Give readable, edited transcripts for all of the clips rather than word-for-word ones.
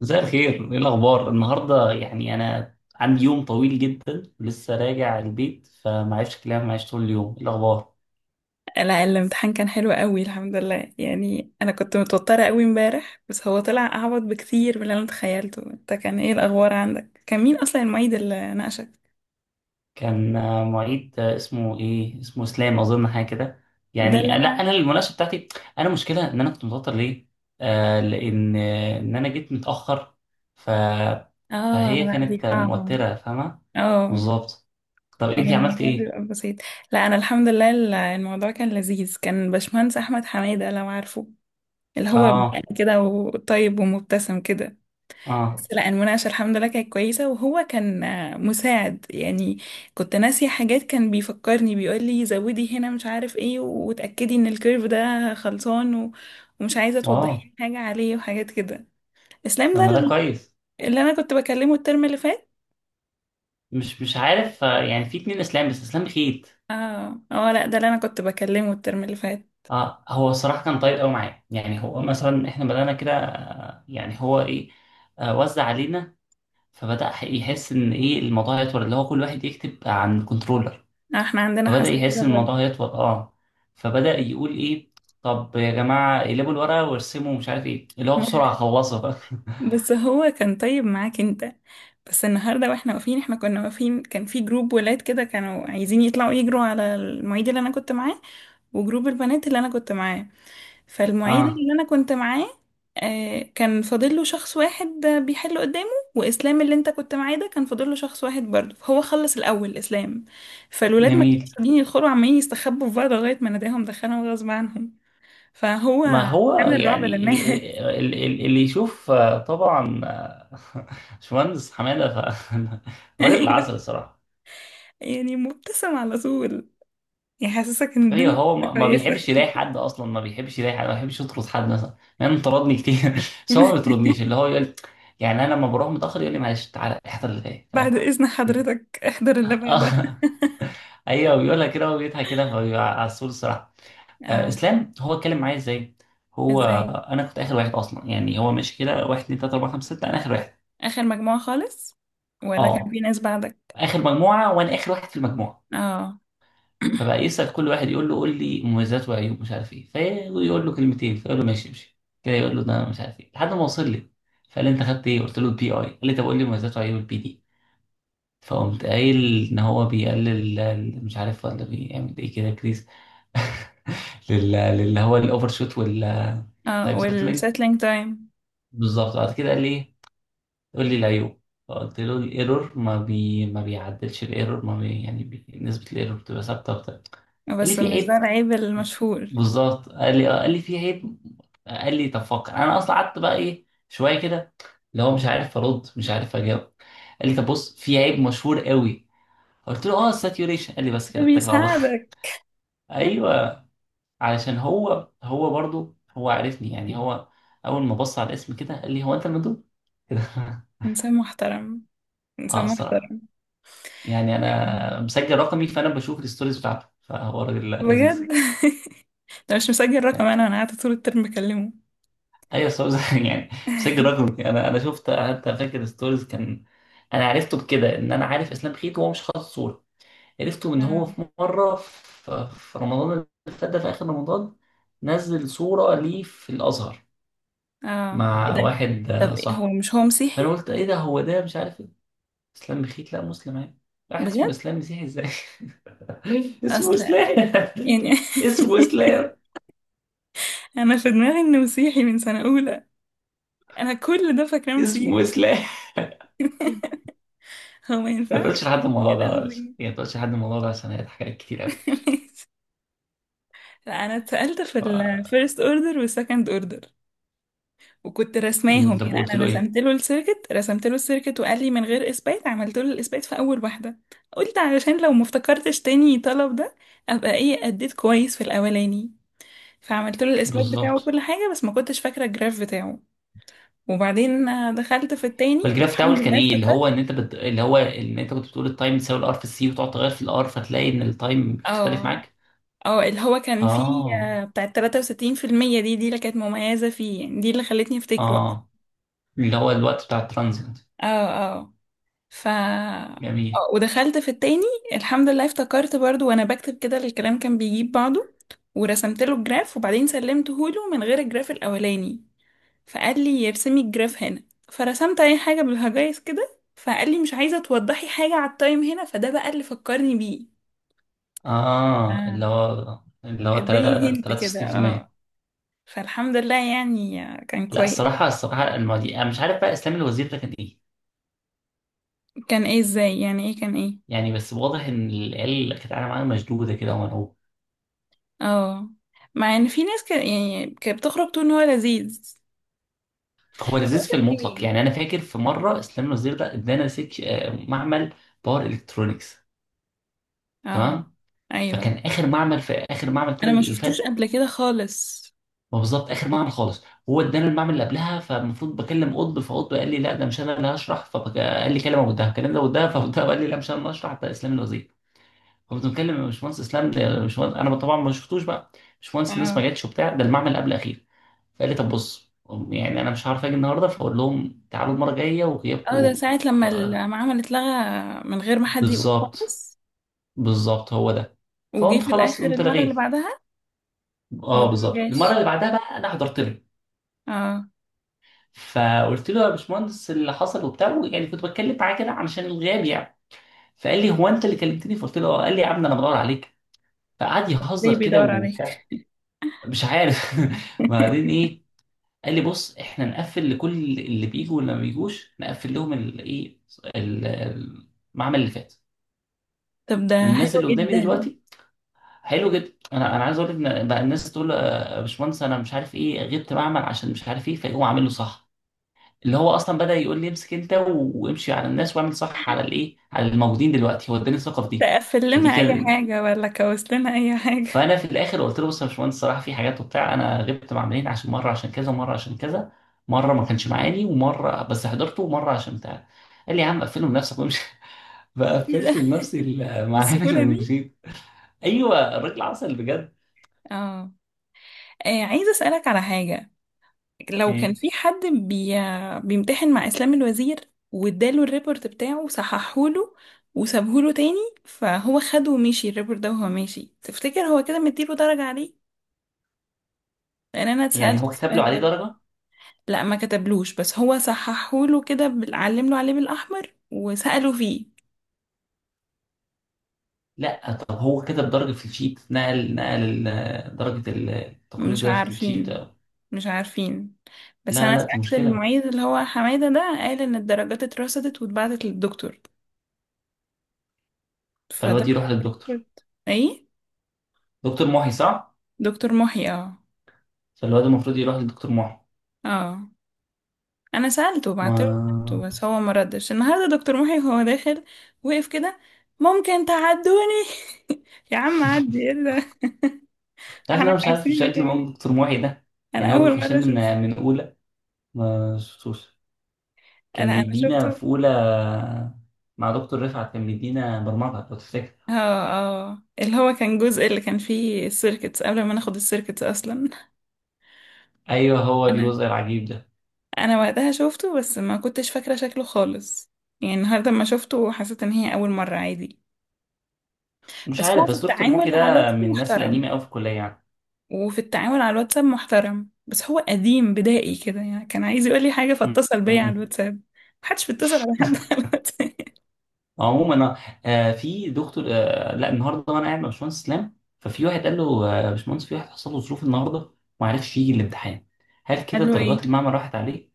مساء الخير، ايه الاخبار؟ النهارده يعني انا عندي يوم طويل جدا لسه راجع البيت فمعرفش كلام معيش طول اليوم، ايه الاخبار؟ لا، الامتحان كان حلو قوي، الحمد لله. يعني انا كنت متوترة قوي امبارح، بس هو طلع اعبط بكتير من اللي انا تخيلته. انت كان ايه الاخبار عندك؟ كان مين اصلا المعيد اللي ناقشك؟ كان معيد اسمه ايه؟ اسمه اسلام اظن حاجه كده. ده اللي يعني انا... لا انا المناقشه بتاعتي. انا مشكله ان انا كنت متوتر ليه؟ لان ان انا جيت متاخر. ف اه، فهي لا، كانت دي صعبة. موتره فاهمه؟ اه، بالظبط. طب يعني انتي عملتي الموضوع ايه؟ بيبقى بسيط. لا، انا الحمد لله، الموضوع كان لذيذ. كان باشمهندس احمد حمادة، لو عارفه، اللي هو بقى اه، كده وطيب ومبتسم كده. اه، بس لا، المناقشة الحمد لله كانت كويسة، وهو كان مساعد يعني. كنت ناسية حاجات، كان بيفكرني، بيقول لي زودي هنا، مش عارف ايه، وتأكدي ان الكيرف ده خلصان، ومش عايزة توضحي واو. لي حاجة عليه، وحاجات كده. اسلام طب ده ما ده كويس. اللي انا كنت بكلمه الترم اللي فات. مش عارف يعني في اتنين اسلام بس اسلام خيت. اه، اه، لا، ده اللي انا كنت بكلمه الترم اللي فات. اه، هو الصراحه كان طيب قوي معايا. يعني هو مثلا احنا بدانا كده يعني هو ايه وزع علينا. فبدا يحس ان ايه الموضوع يطول، اللي هو كل واحد يكتب عن كنترولر. احنا عندنا فبدا حساسية يحس ان برضه. الموضوع يطول. اه فبدا يقول ايه، طب يا جماعه اقلبوا الورقه وارسموا مش عارف ايه، اللي هو بسرعه خلصوا بقى. بس هو كان طيب معاك انت. بس النهارده واحنا واقفين احنا كنا واقفين، كان في جروب ولاد كده كانوا عايزين يطلعوا يجروا على المعيد اللي انا كنت معاه، وجروب البنات اللي انا كنت معاه. فالمعيد اه. اللي انا كنت معاه كان فاضل له شخص واحد بيحل قدامه، واسلام اللي انت كنت معاه ده كان فاضل له شخص واحد برضه، فهو خلص الاول اسلام. فالولاد ما كانوش جميل. قاعدين يدخلوا، عمالين يستخبوا في بعض لغايه ما ناداهم دخلهم غصب عنهم. فهو ما هو عامل رعب يعني للناس. اللي يشوف طبعا. باشمهندس حماده راجل العسل ايوه. الصراحه. يعني مبتسم على طول، يحسسك ان ايوه، الدنيا هو ما لسه ما كويسة. بيحبش يلاقي حد، اصلا ما بيحبش يلاقي حد، ما بيحبش يطرد حد مثلا. يعني أنا طردني كتير بس هو ما بيطردنيش. اللي هو يقول، يعني انا لما بروح متاخر يقول لي معلش تعالى احضر اللي جاي، بعد فاهم إذن كده؟ حضرتك احضر اللي بعدها. آه، ايوه بيقولها كده وبيضحك كده فبيبقى عسول الصراحه. اه. اسلام هو اتكلم معايا ازاي؟ هو ازاي؟ انا كنت اخر واحد اصلا. يعني هو مش كده، واحد اتنين تلاته اربعه خمسه سته، انا اخر واحد. آخر مجموعة خالص، ولا كان اه، في ناس بعدك؟ اخر مجموعه وانا اخر واحد في المجموعه. اه. فبقى يسال كل واحد، يقول له قول لي مميزات وعيوب مش عارف ايه، فيقول له كلمتين فيقول له ماشي امشي كده، يقول له ده مش عارف ايه، لحد ما وصل لي. فقال لي انت خدت ايه، قلت له البي اي. قال لي طب قول لي مميزات وعيوب البي دي. فقمت قايل ان هو بيقلل مش عارف ولا بيعمل ايه، كده كريز. للي هو الاوفر شوت والتايم اه، سيتلينج. والسيتلينج تايم. بالظبط. بعد كده قال لي ايه، قول لي العيوب. فقلت له الايرور ما بي ما بيعدلش، الايرور ما بي يعني بي... نسبه الايرور بتبقى ثابته وبتاع. قال لي بس في مش ده عيب. العيب المشهور؟ بالظبط. قال لي قال لي في عيب. قال لي طب فكر. انا اصلا قعدت بقى ايه شويه كده، اللي هو مش عارف ارد مش عارف اجاوب. قال لي طب بص، في عيب مشهور قوي. قلت له اه، الساتيوريشن. قال لي بس كده، ده اتكل على الله. بيساعدك. ايوه. علشان هو هو برضو هو عارفني. يعني هو اول ما بص على الاسم كده قال لي هو انت المندوب كده. انسان محترم. اه انسان الصراحه. محترم. يعني انا مسجل رقمي فانا بشوف الستوريز بتاعته، فهو راجل لذيذ. بجد. ده مش مسجل رقم، انا قاعدة طول الترم بكلمه. ايوه صور يعني بشكل رقمي. انا شفت حتى فاكر ستوريز كان. انا عرفته بكده، ان انا عارف اسلام خيط وهو مش حاطط صوره. عرفته ان هو اه، في مره في رمضان اللي فات، ده في اخر رمضان، نزل صوره ليه في الازهر اه، ايه مع ده؟ واحد طب إيه، هو صاحبه. مش هو مسيحي؟ فانا قلت ايه ده، هو ده مش عارف ايه؟ اسلام خيط لا، مسلم عادي. واحد اسمه بجد؟ اسلام مسيحي ازاي؟ اسمه اصل، اسلام يعني... اسمه اسلام، انا في دماغي انه مسيحي من سنة اولى. انا كل ده فاكراه اسمه مسيحي. اسلام. هو ما ما ينفعش. تقولش لحد يا الموضوع ده، لهوي. يعني ما تقولش لحد الموضوع ده عشان هيضحك عليك كتير ماشي. لا، انا اتسألت في قوي. الفيرست اوردر والسكند اوردر، وكنت رسماهم. طب يعني قلت انا له ايه؟ رسمت له السيركت، وقال لي من غير اثبات، عملت له الاثبات في اول واحده. قلت علشان لو ما افتكرتش تاني طلب ده، ابقى ايه اديت كويس في الاولاني. فعملت له الاثبات بتاعه بالظبط. كل حاجه، بس ما كنتش فاكره الجراف بتاعه. وبعدين دخلت في التاني، فالجراف الحمد بتاعه كان لله ايه، اللي هو افتكرت. ان انت بت... اللي هو ان انت كنت بتقول التايم تساوي الار في السي، وتقعد تغير في الار فتلاقي ان التايم بيختلف اه، معاك. اه، اللي هو كان فيه اه، بتاع 63% دي اللي كانت مميزة فيه، يعني دي اللي خلتني افتكره أصلاً. اه، اللي هو الوقت بتاع الترانزيت. اه، اه. ف جميل. آه، ودخلت في التاني، الحمد لله افتكرت برضو. وانا بكتب كده الكلام كان بيجيب بعضه. ورسمت له الجراف، وبعدين سلمته له من غير الجراف الاولاني، فقال لي ارسمي الجراف هنا. فرسمت اي حاجة بالهجايز كده، فقال لي مش عايزة توضحي حاجة على التايم هنا. فده بقى اللي فكرني بيه. اه، آه. اللي هو اداني هنت كده، اه. 63%. فالحمد لله يعني كان لا، كويس. الصراحه الصراحه المواضيع انا مش عارف بقى اسلام الوزير ده كان ايه. كان ايه؟ ازاي يعني؟ ايه كان ايه؟ يعني بس واضح ان العيال اللي كانت قاعده معاه مشدوده كده ومرعوبه. اه. مع ان في ناس كان يعني كانت بتخرج تقول ان هو لذيذ. هو هو لذيذ في بقولك المطلق. ايه. يعني انا فاكر في مره اسلام الوزير ده ادانا سك معمل باور الكترونكس، اه، تمام؟ ايوه، فكان اخر معمل، في اخر معمل انا الترم ما اللي شفتوش فات. قبل كده خالص. هو بالظبط اخر معمل خالص. هو ادانا المعمل اللي قبلها فالمفروض بكلم قطب، فقطب قال لي لا ده مش انا اللي هشرح، فقال لي كلمه ودها كلمه ده ودها، فقطب قال لي لا مش انا اللي هشرح ده اسلام الوزير. فكنت بكلم يا باشمهندس اسلام ده، يا باشمهندس انا طبعا ما شفتوش بقى، باشمهندس الناس ما اه، جاتش وبتاع، ده المعمل قبل الاخير. فقال لي طب بص، يعني انا مش عارف اجي النهارده فاقول لهم تعالوا المره الجايه وغيابكم اه. ده ساعة لما المعامل اتلغى من غير ما حد يقول بالظبط، خالص. بالظبط هو ده. وجي فقمت في خلاص الاخر قمت المرة اللي لغيت. بعدها. اه ولا ما بالظبط. المره جاش؟ اللي بعدها بقى انا حضرت له اه. فقلت له يا باشمهندس اللي حصل وبتاع، يعني كنت بتكلم معاه كده علشان الغياب يعني. فقال لي هو انت اللي كلمتني، فقلت له آه. قال لي يا عم انا بدور عليك. فقعد ليه يهزر كده بيدور عليك؟ وبتاع. مش عارف. بعدين ايه؟ قال لي بص، احنا نقفل لكل اللي بيجوا واللي ما بيجوش، نقفل لهم الايه، المعمل اللي فات طب ده والناس حلو اللي قدامي جدا. دلوقتي. حلو جدا. انا عايز اقول لك ان بقى الناس تقول له، يا باشمهندس انا مش عارف ايه غبت معمل عشان مش عارف ايه، فيقوم عامل له صح. اللي هو اصلا بدأ يقول لي امسك انت وامشي على الناس واعمل صح على الايه، على الموجودين دلوقتي. هو اداني الثقه في دي. تقفل فدي لنا اي كان. حاجة ولا كوس لنا اي حاجة؟ فانا في الاخر قلت له بص يا باشمهندس الصراحه في حاجات وبتاع، انا غبت مع عاملين عشان مره عشان كذا ومره عشان كذا، مره ما كانش معاني ومره بس حضرته ومره عشان بتاع. قال لي يا عم قفله لنفسك وامشي. إيه ده؟ فقفلت لنفسي المعامل بالسهولة دي. ومشيت. ايوه الراجل عسل بجد. اه. عايزة أسألك على حاجة. لو كان إيه. في حد بيمتحن مع إسلام الوزير، واداله الريبورت بتاعه وصححهوله وسابهوله تاني، فهو خده ومشي الريبورت ده وهو ماشي، تفتكر هو كده مديله درجة عليه؟ لأن أنا يعني اتسألت هو كتب له السؤال عليه ده. درجه؟ لا، ما كتبلوش، بس هو صححهوله كده، علمله عليه بالأحمر وسأله فيه. لا، طب هو كتب درجه في الشيت، نقل درجه التقرير مش ده في الشيت؟ عارفين. مش عارفين. بس لا انا لا، دي سألت مشكلة. المعيد اللي هو حمادة ده، قال ان الدرجات اترصدت واتبعتت للدكتور. فده فالواد يروح للدكتور، ايه؟ دكتور محي صح؟ دكتور محي، اه. فالواد المفروض يروح للدكتور محي. اه. انا سألته، بعت له ما سألته، بس هو ما ردش. النهارده دكتور محي وهو داخل وقف كده، ممكن تعدوني؟ يا عم عدي، ايه ده. تعرف إن احنا أنا مش عارف عارفينك شكل يعني. موجود دكتور محي ده. يعني انا هو اول بيخش مرة لنا اشوف. من أولى، ما شفتوش. انا كان انا بيدينا شفته. في أولى مع دكتور رفعت، كان بيدينا برمجة لو تفتكر. اه، اه، اللي هو كان جزء اللي كان فيه السيركتس قبل ما ناخد السيركتس اصلا. أيوه، هو انا الجزء العجيب ده. انا وقتها شفته، بس ما كنتش فاكرة شكله خالص. يعني النهاردة ما شفته، حسيت ان هي اول مرة، عادي. مش بس هو عارف في بس دكتور محي التعامل على ده الواتساب من الناس محترم. القديمة أوي في الكلية يعني. وفي التعامل على الواتساب محترم، بس هو قديم بدائي كده، يعني كان عايز يقول لي حاجة م- فاتصل بيا على م. الواتساب. محدش بيتصل على حد على الواتساب. عموما في دكتور. لا النهارده وانا قاعد مع باشمهندس اسلام ففي واحد قال له يا باشمهندس في واحد حصل له ظروف النهارده وما عرفش يجي الامتحان، هل قال كده له درجات ايه؟ المعمل راحت عليه؟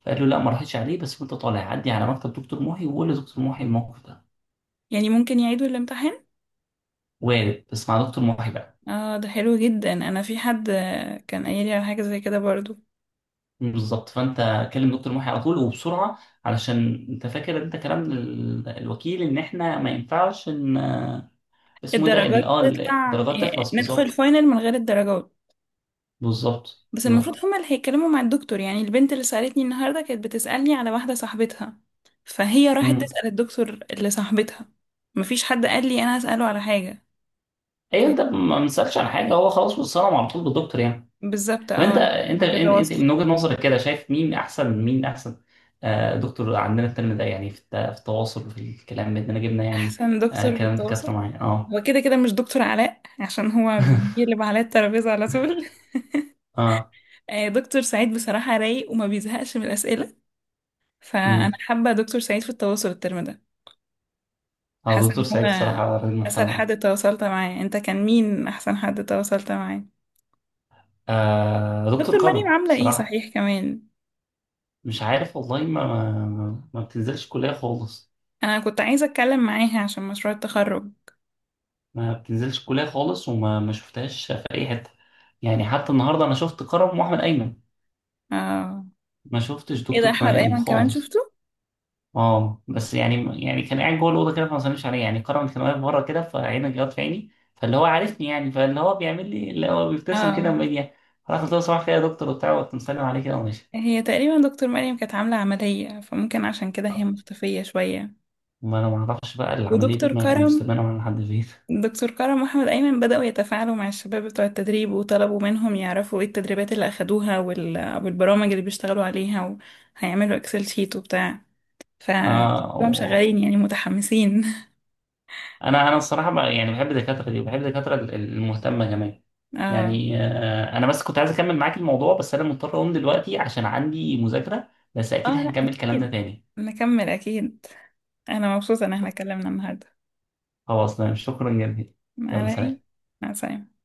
فقال له لا ما راحتش عليه، بس وانت طالع عدي على مكتب دكتور محي وقول لدكتور محي الموقف ده. يعني ممكن يعيدوا الامتحان؟ وارد بس مع دكتور محي بقى. اه، ده حلو جدا. انا في حد كان قايل لي على حاجة زي كده برضو. بالظبط. فانت كلم دكتور محي على طول وبسرعه علشان انت فاكر انت كلام الوكيل ان احنا ما ينفعش ان اسمه إيه ده الدرجات تطلع، الدرجات تخلص. ندخل بالظبط، الفاينل من غير الدرجات. بالظبط، بس بالظبط. المفروض هما اللي هيتكلموا مع الدكتور، يعني البنت اللي سألتني النهاردة كانت بتسألني على واحدة صاحبتها، فهي راحت تسأل الدكتور اللي صاحبتها. مفيش حد قال لي أنا أسأله على حاجة. ف- ايوه، انت ما بنسالش عن حاجه هو خلاص بيتصنم على طول بالدكتور يعني. بالظبط، طب انت اه، انت ما انت بتواصل. من وجهه نظرك كده شايف مين احسن، مين احسن دكتور عندنا الترم ده يعني في في التواصل وفي الكلام بيننا جبنا يعني. أحسن دكتور في كلام دكاتره التواصل معايا. اه. هو كده كده مش دكتور علاء، عشان هو بيقلب على الترابيزة على طول. اه. دكتور سعيد بصراحة رايق وما بيزهقش من الأسئلة، فأنا امم حابة دكتور سعيد في التواصل الترم ده. اه حاسة دكتور إن سعيد هو الصراحه راجل أسهل محترم أوي. حد تواصلت معاه. أنت كان مين أحسن حد تواصلت معاه؟ دكتور دكتور مريم كرم عاملة ايه الصراحه. صحيح كمان؟ مش عارف والله ما بتنزلش كليه خالص. انا كنت عايزة اتكلم معاها عشان مشروع التخرج. ما بتنزلش كليه خالص، وما ما شفتهاش في اي حته. يعني حتى النهارده انا شفت كرم واحمد ايمن، اه، ما شفتش ايه ده، دكتور احمد بني ايمن كمان خالص. شفته. اه بس يعني كان قاعد جوه الاوضه كده فما سلمش عليا يعني، كرم كان واقف بره كده فعينه جت في عيني، فاللي هو عارفني يعني فاللي هو بيعمل لي اللي هو بيبتسم كده اه. وميديا، راح قلت له صباح الخير يا دكتور وبتاع وقت مسلم عليه كده وماشي. هي تقريبا دكتور مريم كانت عاملة عملية، فممكن عشان كده هي مختفية شوية. ما انا ما اعرفش بقى العمليه دي ودكتور ما كرم المستلمه من لحد فين. دكتور كرم واحمد ايمن بدأوا يتفاعلوا مع الشباب بتوع التدريب، وطلبوا منهم يعرفوا ايه التدريبات اللي اخدوها، والبرامج اللي بيشتغلوا عليها، وهيعملوا اكسل شيت وبتاع. ف اه هم شغالين يعني متحمسين. انا الصراحه بقى يعني بحب الدكاتره دي وبحب الدكاتره المهتمه كمان. اه، يعني انا بس كنت عايز اكمل معاك الموضوع بس انا مضطر اقوم دلوقتي عشان عندي مذاكره. بس اه، اكيد لا، هنكمل كلامنا اكيد. تاني. نكمل اكيد. انا مبسوطة ان احنا اتكلمنا النهاردة. خلاص تمام، شكرا جدا. ما يلا على ايه. سلام. مع السلامة.